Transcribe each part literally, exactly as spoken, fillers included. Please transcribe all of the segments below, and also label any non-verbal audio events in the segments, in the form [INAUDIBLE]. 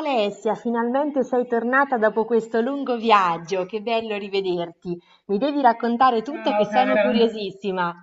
Alessia, finalmente sei tornata dopo questo lungo viaggio, che bello rivederti. Mi devi raccontare tutto che Ciao sono cara. curiosissima.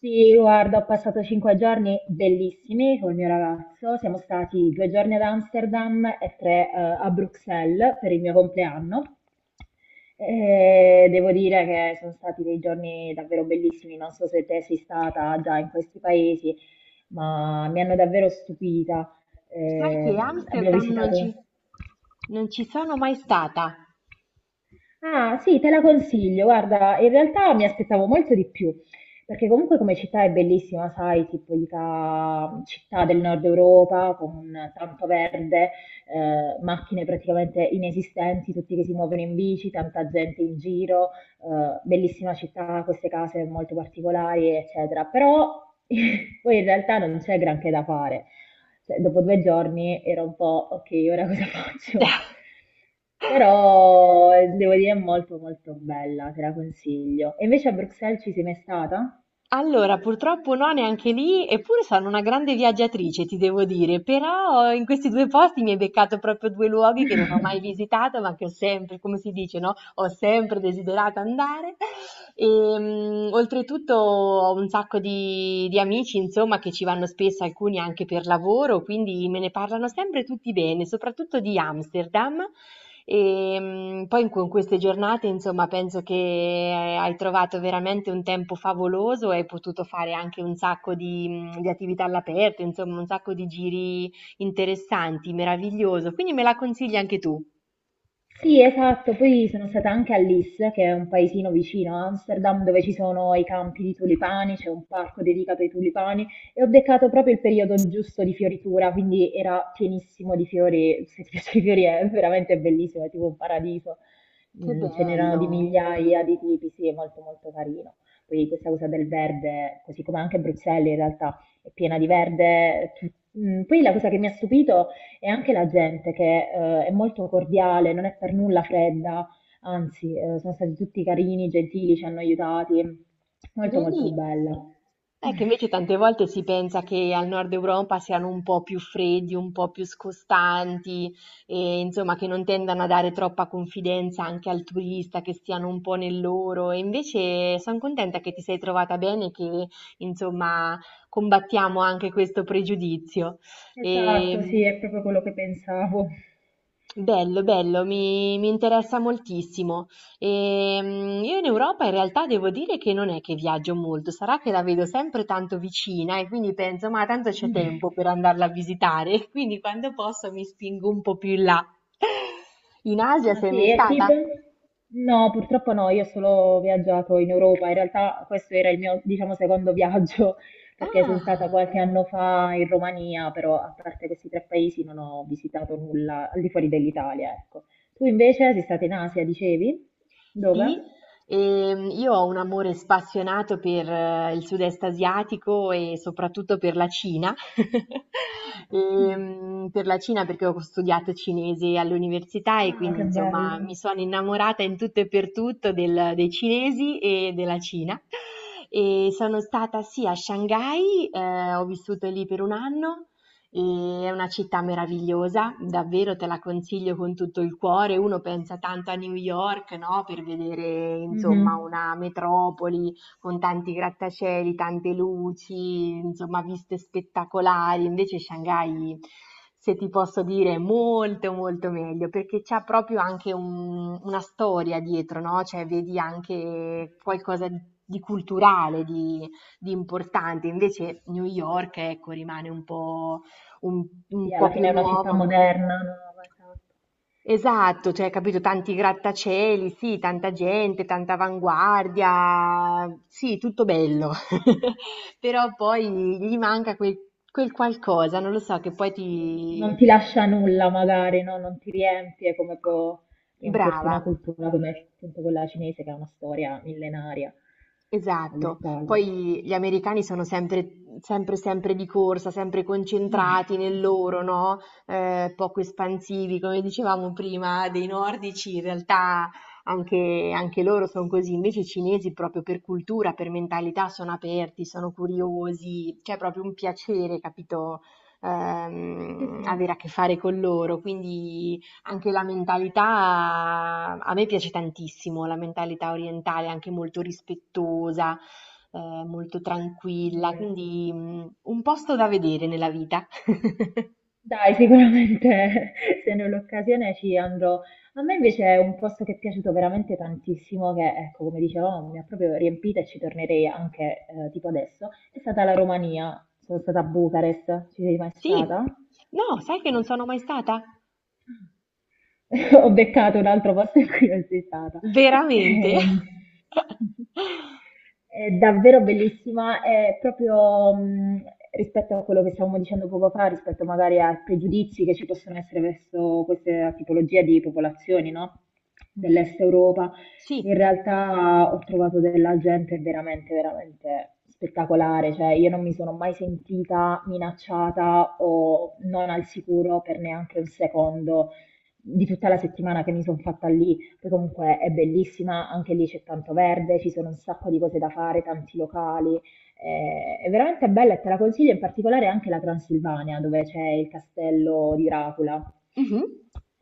Sì, guarda, ho passato cinque giorni bellissimi col mio ragazzo. Siamo stati due giorni ad Amsterdam e tre, eh, a Bruxelles per il mio compleanno. E devo dire che sono stati dei giorni davvero bellissimi. Non so se te sei stata già in questi paesi, ma mi hanno davvero stupita. Sai Eh, che abbiamo Amsterdam non visitato. ci, non ci sono mai stata. Ah, sì, te la consiglio. Guarda, in realtà mi aspettavo molto di più, perché comunque come città è bellissima, sai, tipica città del nord Europa con tanto verde, eh, macchine praticamente inesistenti, tutti che si muovono in bici, tanta gente in giro, eh, bellissima città, queste case molto particolari, eccetera. Però [LAUGHS] poi in realtà non c'è granché da fare. Cioè, dopo due giorni era un po', ok, ora cosa [LAUGHS] faccio? [LAUGHS] Però eh, devo dire è molto molto bella, te la consiglio. E invece a Bruxelles ci sei mai stata? Allora, purtroppo no, neanche lì, eppure sono una grande viaggiatrice, ti devo dire, però in questi due posti mi hai beccato proprio due luoghi che non ho [LAUGHS] mai visitato, ma che ho sempre, come si dice, no? Ho sempre desiderato andare. E, mm, oltretutto ho un sacco di, di amici, insomma, che ci vanno spesso, alcuni anche per lavoro, quindi me ne parlano sempre tutti bene, soprattutto di Amsterdam. Ehm, poi in con queste giornate, insomma, penso che eh, hai trovato veramente un tempo favoloso e hai potuto fare anche un sacco di, mhmm, di attività all'aperto, insomma, un sacco di giri interessanti, meraviglioso. Quindi me la consigli anche tu? Sì, esatto, poi sono stata anche a Lis, che è un paesino vicino a Amsterdam, dove ci sono i campi di tulipani, c'è un parco dedicato ai tulipani e ho beccato proprio il periodo giusto di fioritura, quindi era pienissimo di fiori, se ti [LAUGHS] piace i fiori è veramente bellissimo, è tipo un paradiso, Che Mm, ce n'erano di bello! migliaia di tipi, sì, è molto molto carino. Poi questa cosa del verde, così come anche Bruxelles in realtà è piena di verde. Tu- Mm, Poi la cosa che mi ha stupito e anche la gente che eh, è molto cordiale, non è per nulla fredda, anzi, eh, sono stati tutti carini, gentili, ci hanno aiutati. Molto molto Vedi? bella. È che invece tante [LAUGHS] volte si pensa che al nord Europa siano un po' più freddi, un po' più scostanti, e insomma che non tendano a dare troppa confidenza anche al turista, che stiano un po' nel loro. E invece sono contenta che ti sei trovata bene e che insomma combattiamo anche questo pregiudizio. Esatto, E, sì, è proprio quello che pensavo. Bello, bello, mi, mi interessa moltissimo. Ehm, io in Europa in realtà devo dire che non è che viaggio molto, sarà che la vedo sempre tanto vicina e quindi penso, ma tanto c'è tempo per [LAUGHS] andarla a visitare, [LAUGHS] quindi quando posso mi spingo un po' più in là. In Asia Ah sei sì, mai e stata? tipo? No, purtroppo no, io ho solo viaggiato in Europa, in realtà questo era il mio, diciamo, secondo viaggio, [LAUGHS] perché sono stata Ah. qualche anno fa in Romania, però a parte questi tre paesi non ho visitato nulla al di fuori dell'Italia, ecco. Tu invece sei stata in Asia, dicevi? Sì, Dove? ehm, io ho un amore spassionato per eh, il sud-est asiatico e soprattutto per la Cina. [LAUGHS] Ehm, per la Cina perché ho studiato cinese all'università e Ah, quindi che insomma bello. mi sono innamorata in tutto e per tutto del- dei cinesi e della Cina. E sono stata sì a Shanghai, eh, ho vissuto lì per un anno. E è una città meravigliosa, davvero te la consiglio con tutto il cuore. Uno pensa tanto a New York, no? Per vedere, insomma, Mhm. una metropoli con tanti grattacieli, tante luci, insomma, viste spettacolari. Invece Shanghai, se ti posso dire, è molto, molto meglio perché c'è proprio anche un- una storia dietro, no? Cioè, vedi anche qualcosa di di culturale, di, di importante. Invece New York, ecco, rimane un po' un, Sì, un po' alla più fine è una città nuova, un po'... moderna, nuova, esatto. Esatto, cioè, capito, tanti grattacieli, sì, tanta gente, tanta avanguardia, sì, tutto bello, [LAUGHS] però poi gli manca quel, quel qualcosa, non lo so, che poi Sì, non ti... ti lascia nulla magari, no? Non ti riempie come può riempirti una Brava, cultura come appunto quella cinese che ha una storia millenaria alle esatto, spalle. poi gli americani sono sempre, sempre, sempre di corsa, sempre concentrati nel loro, [LAUGHS] no? Eh, poco espansivi, come dicevamo prima, dei nordici, in realtà anche, anche loro sono così, invece i cinesi proprio per cultura, per mentalità sono aperti, sono curiosi, c'è proprio un piacere, capito? Sì, Ehm, sì, è Avere a che fare con loro, quindi anche la mentalità, a me piace tantissimo la mentalità orientale, anche molto rispettosa, eh, molto tranquilla, vero. quindi mm, un posto da vedere nella vita. [LAUGHS] Dai, sicuramente [LAUGHS] se ne ho l'occasione ci andrò. A me invece è un posto che è piaciuto veramente tantissimo, che ecco, come dicevamo, mi ha proprio riempita e ci tornerei anche eh, tipo adesso. È stata la Romania, sono stata a Bucarest, ci sei mai Sì, stata? no, sai che non Ah. sono mai stata? [LAUGHS] Ho beccato un altro posto in cui non sei stata. Veramente? Eh, [LAUGHS] [LAUGHS] È davvero bellissima, è proprio mh, rispetto a quello che stavamo dicendo poco fa, rispetto magari ai pregiudizi che ci possono essere verso questa tipologia di popolazioni, no? Dell'Est Europa. Sì. In realtà ho trovato della gente veramente, veramente spettacolare, cioè io non mi sono mai sentita minacciata o non al sicuro per neanche un secondo di tutta la settimana che mi sono fatta lì, che comunque è bellissima, anche lì c'è tanto verde, ci sono un sacco di cose da fare, tanti locali, eh, è veramente bella e te la consiglio, in particolare anche la Transilvania, dove c'è il castello di Dracula. Mhm.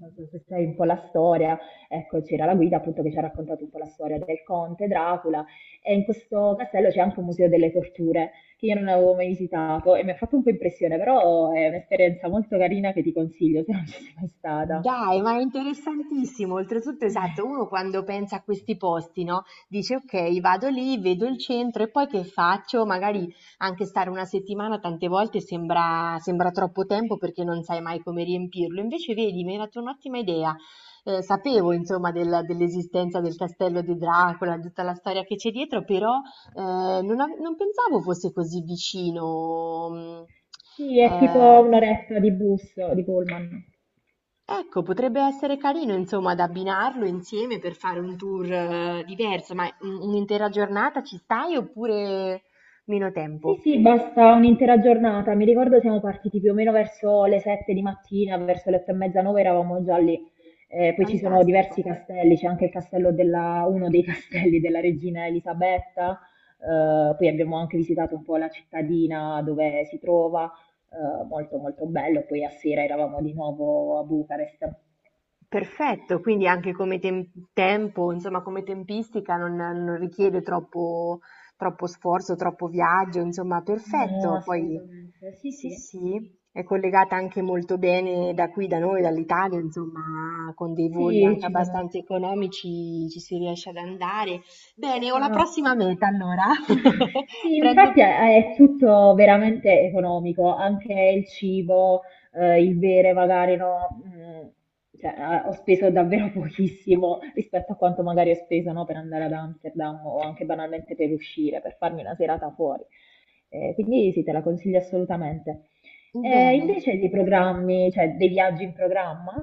Non so se sai un po' la storia, ecco, c'era la guida appunto che ci ha raccontato un po' la storia del conte Dracula e in questo castello c'è anche un museo delle torture che io non avevo mai visitato e mi ha fatto un po' impressione, però è un'esperienza molto carina che ti consiglio se non ci sei mai stata. Dai, ma è interessantissimo. Oltretutto, esatto, uno quando pensa a questi posti, no? Dice, ok, vado lì, vedo il centro e poi che faccio? Magari anche stare una settimana tante volte sembra, sembra troppo tempo perché non sai mai come riempirlo. Invece, vedi, mi hai dato un'ottima idea. Eh, sapevo, insomma, del- dell'esistenza del castello di Dracula, di tutta la storia che c'è dietro, però eh, non, ave- non pensavo fosse così vicino. Sì, mm, è tipo eh, un'oretta di bus, di pullman. Ecco, potrebbe essere carino insomma da abbinarlo insieme per fare un tour, ehm, diverso, ma un un'intera giornata ci stai oppure meno Sì, tempo? sì, basta un'intera giornata. Mi ricordo siamo partiti più o meno verso le sette di mattina, verso le otto e mezza, nove eravamo già lì. Eh, poi ci sono Fantastico. diversi castelli, c'è anche il castello della, uno dei [LAUGHS] castelli della regina Elisabetta. Eh, poi abbiamo anche visitato un po' la cittadina dove si trova, eh, molto molto bello. Poi a sera eravamo di nuovo a Bucarest. Perfetto, quindi anche come tem- tempo, insomma, come tempistica non, non richiede troppo, troppo sforzo, troppo viaggio, insomma, No, perfetto. Poi assolutamente. Sì, sì, sì. sì, è collegata anche molto bene da qui, da noi, dall'Italia, insomma, con dei voli Sì, anche ci abbastanza sono. economici ci si riesce ad andare. Bene, ho la Esatto. prossima meta allora. [LAUGHS] [LAUGHS] Sì, Prendo infatti è, è tutto veramente economico, anche il cibo, eh, il bere magari no, mm, cioè, eh, ho speso davvero [LAUGHS] pochissimo rispetto a quanto magari ho speso no, per andare ad Amsterdam o anche banalmente per uscire, per farmi una serata fuori. Eh, quindi sì, te la consiglio assolutamente. Eh, bene. invece dei programmi, cioè dei viaggi in programma?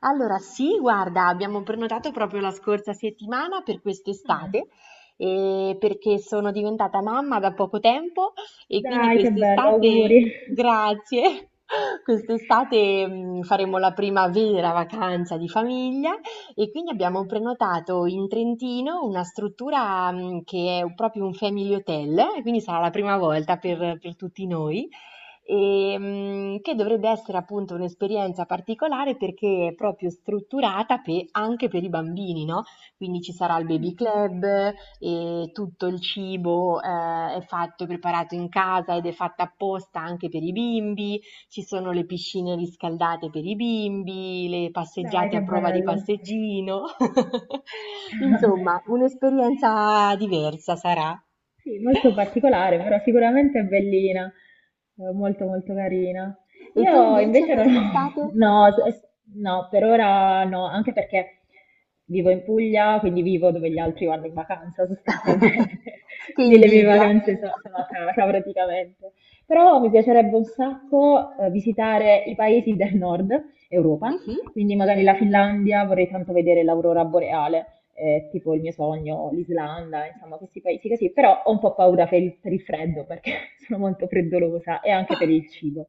Allora, sì, guarda, abbiamo prenotato proprio la scorsa settimana per Mm. quest'estate, eh, perché sono diventata mamma da poco tempo e quindi Dai, che bello, auguri. quest'estate, [LAUGHS] grazie, [LAUGHS] quest'estate mh, faremo la prima vera vacanza di famiglia e quindi abbiamo prenotato in Trentino una struttura mh, che è proprio un family hotel, e quindi sarà la prima volta Mm, per per tutti noi. Ehm, che dovrebbe essere appunto un'esperienza particolare perché è proprio strutturata pe- anche per i bambini, no? Quindi ci sarà il mm. baby club e tutto il cibo eh, è fatto e preparato in casa ed è fatta apposta anche per i bimbi, ci sono le piscine riscaldate per i bimbi, le Dai, passeggiate a che prova di bello. passeggino. [LAUGHS] [LAUGHS] Insomma, un'esperienza diversa sarà. Sì, molto particolare, però sicuramente è bellina, eh, molto molto carina. E tu Io invece invece non ho, quest'estate? [LAUGHS] no, s- no, per ora no, anche perché vivo in Puglia, quindi vivo dove gli altri vanno in vacanza [LAUGHS] sostanzialmente, [LAUGHS] Che quindi le mie invidia. vacanze so- sono a casa praticamente. Però mi piacerebbe un sacco eh, visitare i paesi del nord Europa, Mhm. quindi magari la Finlandia, vorrei tanto vedere l'aurora boreale eh, tipo il mio sogno, l'Islanda, insomma questi paesi così, però ho un po' paura per il, per il freddo perché [LAUGHS] sono molto freddolosa e anche per il cibo.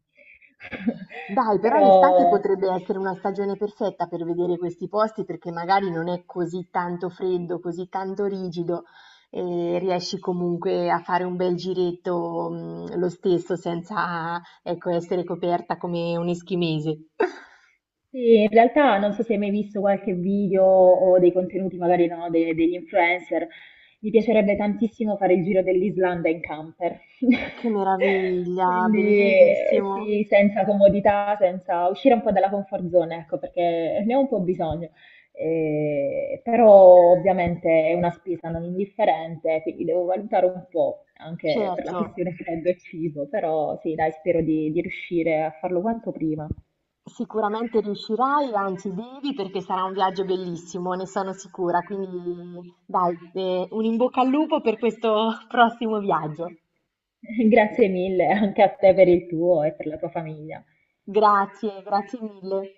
[LAUGHS] Dai, però l'estate Però potrebbe essere una stagione perfetta per vedere questi posti perché magari non è così tanto freddo, così tanto rigido e riesci comunque a fare un bel giretto, mh, lo stesso senza, ecco, essere coperta come un eschimese. [LAUGHS] sì, in realtà non so se hai mai visto qualche video o dei contenuti magari no, de- degli influencer, mi piacerebbe tantissimo fare il giro dell'Islanda in camper. [LAUGHS] Che meraviglia, Quindi eh, bellissimo. sì, senza comodità, senza uscire un po' dalla comfort zone, ecco, perché ne ho un po' bisogno. Eh, però ovviamente è una spesa non indifferente, quindi devo valutare un po' anche per la Certo. questione freddo e cibo, però sì, dai, spero di di riuscire a farlo quanto prima. Sicuramente riuscirai, anzi devi perché sarà un viaggio bellissimo, ne sono sicura. Quindi dai, eh, un in bocca al lupo per questo [LAUGHS] prossimo viaggio. Grazie mille anche a te per il tuo e per la tua famiglia. Grazie, grazie mille.